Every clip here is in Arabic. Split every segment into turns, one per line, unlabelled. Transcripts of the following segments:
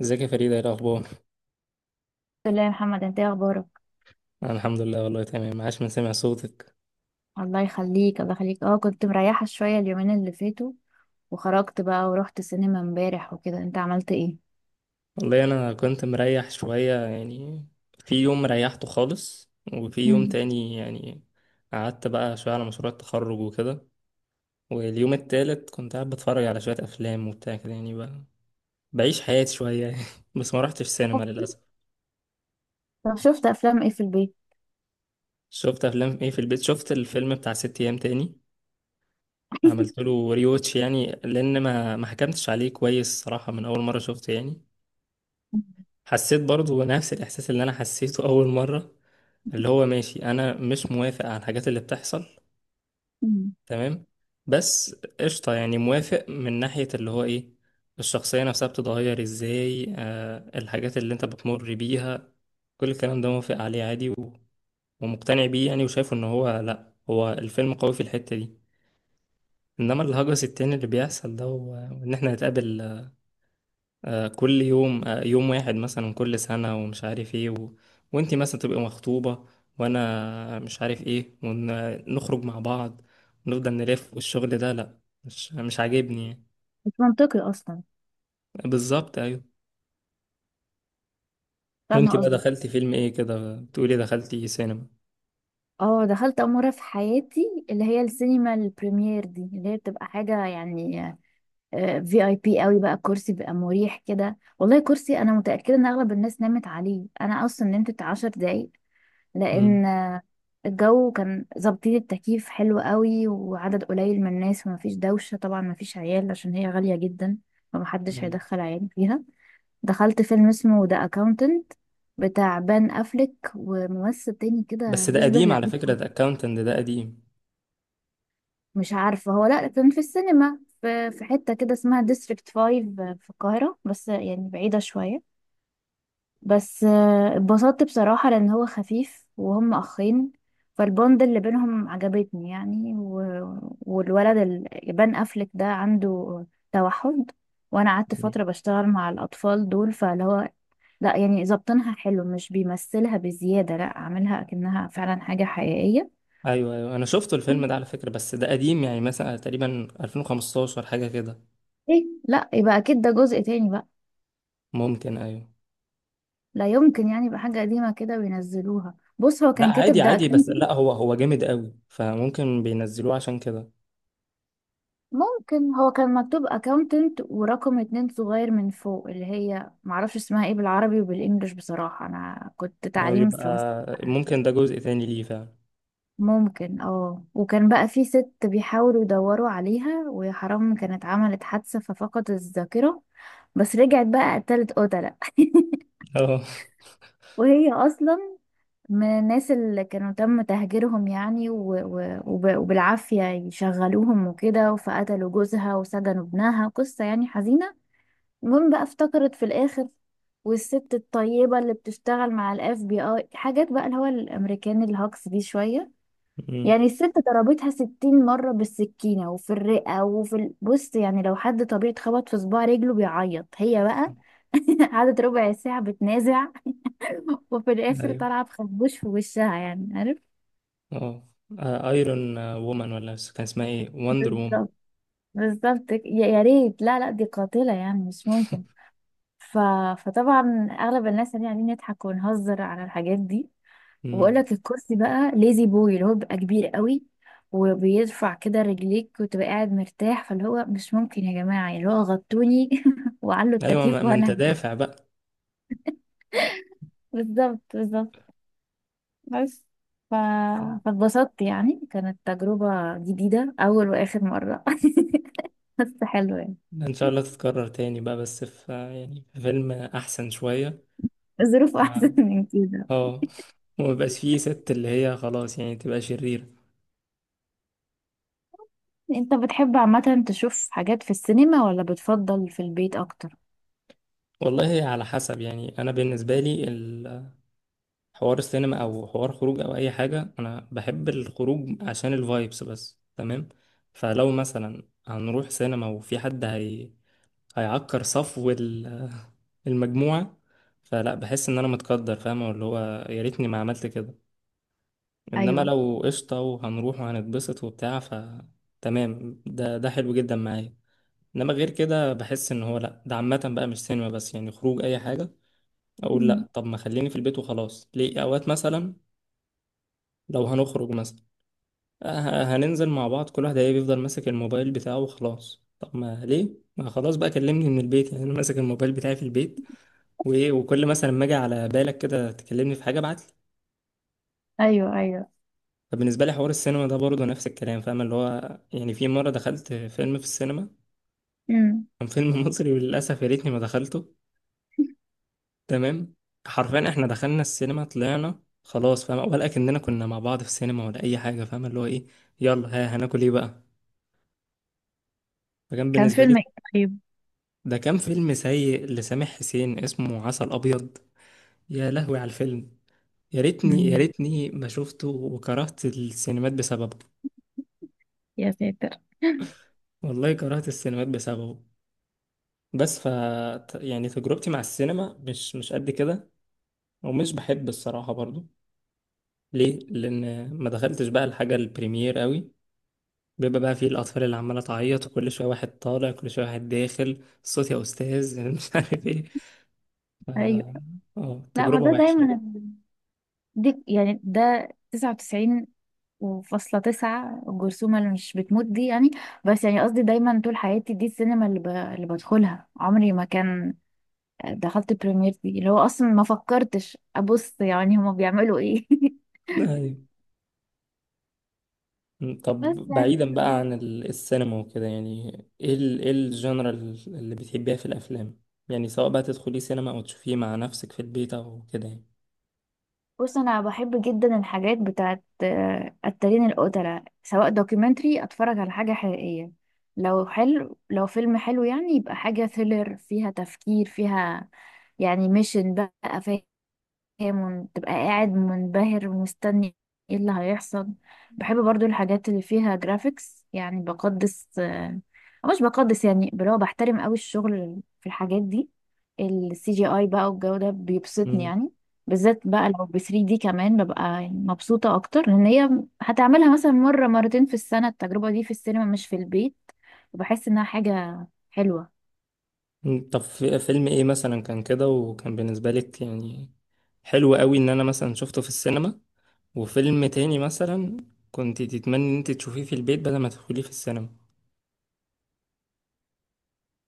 ازيك يا فريدة، ايه الأخبار؟
الحمد لله يا محمد، انت ايه اخبارك؟
أنا الحمد لله والله تمام، عاش من سمع صوتك.
الله يخليك الله يخليك. اه كنت مريحة شوية اليومين اللي فاتوا، وخرجت بقى ورحت سينما امبارح وكده. انت عملت ايه؟
والله أنا كنت مريح شوية يعني، في يوم ريحته خالص وفي يوم
مم.
تاني يعني قعدت بقى شوية على مشروع التخرج وكده. واليوم التالت كنت قاعد بتفرج على شوية أفلام وبتاع كده يعني، بقى بعيش حياتي شوية يعني. بس ما رحتش سينما للأسف.
طب شفت افلام ايه في البيت؟
شفت أفلام ايه في البيت؟ شفت الفيلم بتاع ست أيام تاني، عملت له ريوتش يعني لأن ما حكمتش عليه كويس صراحة من أول مرة شفته يعني. حسيت برضو نفس الإحساس اللي أنا حسيته أول مرة، اللي هو ماشي، أنا مش موافق على الحاجات اللي بتحصل.
مم.
تمام، بس قشطة يعني موافق من ناحية اللي هو إيه، الشخصية نفسها بتتغير إزاي، آه، الحاجات اللي أنت بتمر بيها، كل الكلام ده موافق عليه عادي، و... ومقتنع بيه يعني وشايفه إن هو، لأ هو الفيلم قوي في الحتة دي. إنما الهجس التاني اللي بيحصل ده وإن إحنا نتقابل كل يوم، يوم واحد مثلا كل سنة ومش عارف ايه، و... وانتي مثلا تبقي مخطوبة وانا مش عارف ايه ونخرج مع بعض ونفضل نلف، والشغل ده لا، مش عاجبني يعني.
مش منطقي اصلا.
بالظبط ايوه.
فاهمة
وانتي بقى
قصدك.
دخلتي فيلم ايه كده؟ بتقولي دخلتي سينما.
اه، دخلت اول مرة في حياتي اللي هي السينما البريمير دي، اللي هي بتبقى حاجة يعني في اي بي قوي بقى. الكرسي بيبقى مريح كده، والله كرسي انا متأكدة ان اغلب الناس نامت عليه، انا اصلا نمت 10 دقايق
امم،
لان الجو كان ظابطين التكييف حلو قوي، وعدد قليل من الناس ومفيش دوشة، طبعا مفيش عيال عشان هي غالية جدا، فمحدش
أيوة.
هيدخل عيال فيها. دخلت فيلم اسمه ذا اكاونتنت، بتاع بان افليك وممثل تاني
بس
كده
ده
يشبه
قديم على
لعيب.
فكرة، ده اكاونتنت ده قديم.
مش عارفة، هو لا كان في السينما في حتة كده اسمها ديستريكت فايف في القاهرة، بس يعني بعيدة شوية. بس اتبسطت بصراحة، لأن هو خفيف وهم أخين، فالبوند اللي بينهم عجبتني يعني. والولد بان أفلك ده عنده توحد، وأنا قعدت
مم.
فترة بشتغل مع الأطفال دول، فاللي هو لا يعني ظابطينها حلو، مش بيمثلها بزيادة، لا عاملها أكنها فعلا حاجة حقيقية.
ايوه ايوه، انا شفته الفيلم ده على فكرة، بس ده قديم يعني مثلا تقريبا 2015 حاجة كده.
إيه، لا يبقى أكيد ده جزء تاني بقى.
ممكن ايوه.
لا يمكن يعني يبقى حاجة قديمة كده وينزلوها، بص هو
لا
كان كاتب
عادي
ده.
عادي، بس لا هو هو جامد قوي فممكن بينزلوه عشان كده.
ممكن، هو كان مكتوب اكاونتنت ورقم اتنين صغير من فوق، اللي هي معرفش اسمها ايه بالعربي وبالانجلش بصراحة، انا كنت
هو
تعليم
يبقى
فرنسا.
ممكن ده جزء تاني ليه فعلا.
ممكن اه. وكان بقى في ست بيحاولوا يدوروا عليها، ويا حرام كانت عملت حادثة ففقدت الذاكرة، بس رجعت بقى قتلت قتلة.
اه.
وهي اصلا من الناس اللي كانوا تم تهجيرهم يعني، وبالعافية يشغلوهم وكده، فقتلوا جوزها وسجنوا ابنها، قصة يعني حزينة. المهم بقى افتكرت في الاخر، والست الطيبة اللي بتشتغل مع الاف بي اي حاجات بقى، اللي هو الامريكان الهوكس دي شوية يعني.
أمم.
الست ضربتها ستين مرة بالسكينة وفي الرئة وفي بص يعني، لو حد طبيعي اتخبط في صباع رجله بيعيط، هي بقى قعدت ربع ساعة بتنازع، وفي الآخر
ايوه
طالعة بخبوش في وشها يعني، عارف.
اه، ايرون وومن ولا، بس كان اسمها ايه، وندر وومن.
بالظبط بالظبط. يا ريت، لا لا، دي قاتلة يعني، مش ممكن. ف... فطبعا أغلب الناس يعني قاعدين نضحك ونهزر على الحاجات دي. وبقول
أمم.
لك، الكرسي بقى ليزي بوي اللي هو بيبقى كبير قوي وبيرفع كده رجليك، وتبقى قاعد مرتاح، فاللي هو مش ممكن يا جماعة، يعني اللي هو غطوني وعلوا
ايوه، ما
التكييف
ما انت
وانا
دافع بقى.
بالظبط بالظبط. بس ف... فاتبسطت يعني، كانت تجربة جديدة أول وآخر مرة بس حلوة يعني.
ان شاء الله تتكرر تاني بقى، بس في يعني في فيلم احسن شوية.
الظروف أحسن
ما-
من كده.
اه، وما يبقاش فيه ست اللي هي خلاص يعني تبقى شريرة.
أنت بتحب عامة تشوف حاجات في السينما ولا بتفضل في البيت أكتر؟
والله على حسب يعني، انا بالنسبة لي حوار السينما او حوار خروج او اي حاجه، انا بحب الخروج عشان الفايبس بس، تمام. فلو مثلا هنروح سينما وفي حد هيعكر صفو المجموعه، فلا، بحس ان انا متقدر، فاهمه اللي هو يا ريتني ما عملت كده. انما
أيوه.
لو قشطه وهنروح وهنتبسط وبتاع، ف تمام، ده ده حلو جدا معايا. انما غير كده بحس ان هو لا، ده عامه بقى مش سينما بس يعني، خروج اي حاجه، اقول
أمم.
لا طب ما خليني في البيت وخلاص، ليه؟ اوقات مثلا لو هنخرج مثلا، هننزل مع بعض، كل واحد هيبقى يفضل ماسك الموبايل بتاعه وخلاص، طب ما ليه؟ ما خلاص بقى كلمني من البيت، يعني انا ماسك الموبايل بتاعي في البيت، وايه، وكل مثلا ما اجي على بالك كده تكلمني في حاجه ابعت لي.
أيوه أيوه.
فبالنسبه لي حوار السينما ده برضه نفس الكلام، فاهم اللي هو يعني. في مره دخلت فيلم في السينما،
أمم.
كان فيلم مصري وللاسف يا ريتني ما دخلته. تمام. حرفيا احنا دخلنا السينما طلعنا خلاص، فاهم ولا كأننا كنا مع بعض في السينما ولا اي حاجه، فاهم اللي هو ايه، يلا ها هناكل ايه بقى. فكان
كان
بالنسبه لي
فيلم إيه؟ طيب؟
ده كان فيلم سيء لسامح حسين اسمه عسل أبيض. يا لهوي على الفيلم، يا ريتني يا
مم.
ريتني ما شفته، وكرهت السينمات بسببه.
يا ساتر
والله كرهت السينمات بسببه. بس ف يعني تجربتي مع السينما مش مش قد كده، ومش بحب الصراحة برضو. ليه؟ لأن ما دخلتش بقى الحاجة البريمير قوي، بيبقى بقى فيه الأطفال اللي عمالة تعيط، وكل شوية واحد طالع كل شوية واحد داخل، صوت يا أستاذ مش عارف إيه، ف...
ايوه.
اه
لا ما
تجربة
ده
وحشة.
دايما، دي يعني ده 99 وفاصلة تسعة، الجرثومة اللي مش بتموت دي يعني. بس يعني قصدي، دايما طول حياتي دي السينما اللي بدخلها عمري ما كان. دخلت بريمير دي اللي هو اصلا ما فكرتش ابص يعني هما بيعملوا ايه
أيوة. مم، طب
بس يعني.
بعيدا بقى عن السينما وكده يعني، ايه ال ايه الجنرال اللي بتحبيها في الافلام، يعني سواء بقى تدخلي سينما او تشوفيه مع نفسك في البيت او كده يعني.
بص، انا بحب جدا الحاجات بتاعت التارين القتلة، سواء دوكيومنتري اتفرج على حاجة حقيقية، لو حلو لو فيلم حلو يعني، يبقى حاجة ثريلر فيها تفكير فيها يعني، ميشن بقى، فاهم. تبقى قاعد منبهر ومستني ايه اللي هيحصل. بحب برضو الحاجات اللي فيها جرافيكس يعني، بقدس أو مش بقدس يعني، اللي هو بحترم قوي الشغل في الحاجات دي. السي جي اي بقى والجو ده بيبسطني
مم.
يعني، بالذات بقى لو ب 3 دي كمان ببقى يعني مبسوطة اكتر، لان هي هتعملها مثلا مرة مرتين في السنة التجربة دي في السينما مش في البيت، وبحس انها حاجة حلوة.
مم، طب في فيلم ايه مثلا كان كده وكان بالنسبة لك يعني حلو قوي ان انا مثلا شفته في السينما، وفيلم تاني مثلا كنت تتمني ان انت تشوفيه في البيت بدل ما تدخليه في السينما.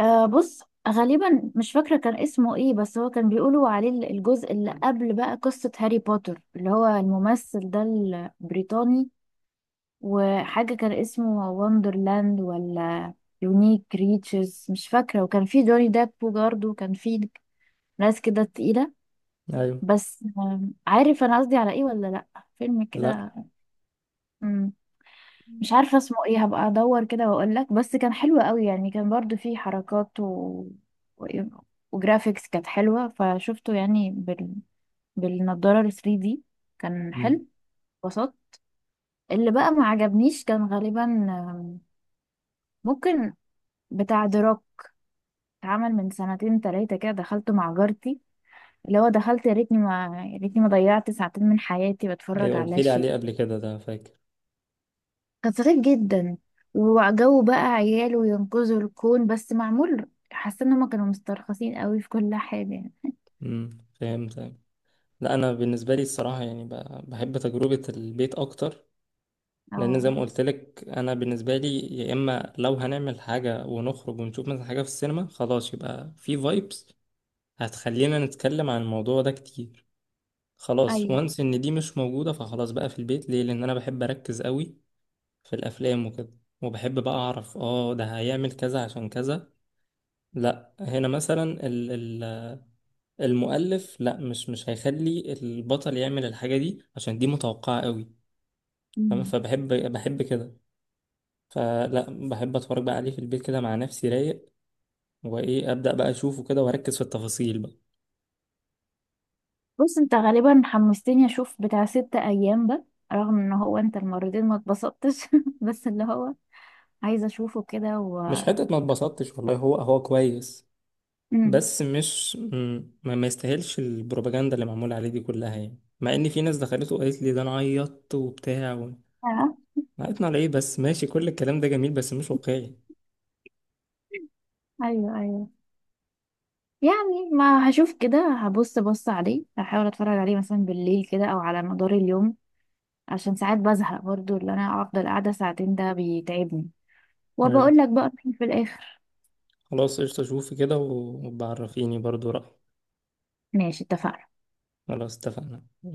آه بص، غالبا مش فاكرة كان اسمه ايه، بس هو كان بيقولوا عليه الجزء اللي قبل بقى قصة هاري بوتر، اللي هو الممثل ده البريطاني. وحاجة كان اسمه وندرلاند ولا يونيك ريتشز، مش فاكرة، وكان في جوني ديب برضه، وكان في ناس كده تقيلة.
ايوه.
بس عارف انا قصدي على ايه ولا لا، فيلم
لا.
كده. مم. مش عارفة اسمه ايه، هبقى ادور كده واقول لك، بس كان حلو قوي يعني، كان برضو فيه حركات و... وجرافيكس كانت حلوة، فشفته يعني بالنضارة ال 3D، كان
امم.
حلو، بسط. اللي بقى ما عجبنيش كان غالبا ممكن بتاع دروك، اتعمل من سنتين تلاتة كده، دخلته مع جارتي، اللي هو دخلت. يا ريتني ما ضيعت ساعتين من حياتي بتفرج
ايوه قلت
على
لي
شيء
عليه قبل كده ده، فاكر.
غطرت جدا، وجو بقى عيال وينقذوا الكون بس معمول. حاسه ان هم كانوا مسترخصين قوي في كل حاجه.
فهمت. لا انا بالنسبه لي الصراحه يعني بحب تجربه البيت اكتر، لان زي
اه.
ما قلت لك انا بالنسبه لي، يا اما لو هنعمل حاجه ونخرج ونشوف مثلا حاجه في السينما خلاص يبقى في فايبس هتخلينا نتكلم عن الموضوع ده كتير، خلاص
ايوه.
وانس ان دي مش موجوده. فخلاص بقى في البيت ليه؟ لان انا بحب اركز قوي في الافلام وكده، وبحب بقى اعرف اه ده هيعمل كذا عشان كذا، لا هنا مثلا ال المؤلف لا مش هيخلي البطل يعمل الحاجه دي عشان دي متوقعه قوي، فاهم؟
مم.
فبحب بحب كده، فلا بحب اتفرج بقى عليه في البيت كده مع نفسي رايق، وايه ابدا بقى اشوفه كده واركز في التفاصيل بقى.
بص، انت غالبا حمستني اشوف بتاع ست ايام ده، رغم ان هو انت المرتين ما اتبسطتش بس اللي هو عايزه اشوفه كده. و
مش حته ما اتبسطتش والله، هو هو كويس،
مم.
بس مش ما يستاهلش البروباجندا اللي معموله عليه دي كلها يعني، مع ان في ناس دخلته وقالت لي ده انا عيطت وبتاع و...
آه.
عيطنا على ايه؟ بس ماشي، كل الكلام ده جميل بس مش واقعي.
ايوه ايوه. يعني ما هشوف كده، هبص عليه، هحاول اتفرج عليه مثلا بالليل كده او على مدار اليوم، عشان ساعات بزهق برضو، اللي انا افضل قاعدة ساعتين ده بيتعبني، وبقول
أيوة.
لك بقى رأيي في الاخر.
خلاص قشطه، شوفي كده وبعرفيني برضو رأيي.
ماشي، اتفقنا.
خلاص اتفقنا.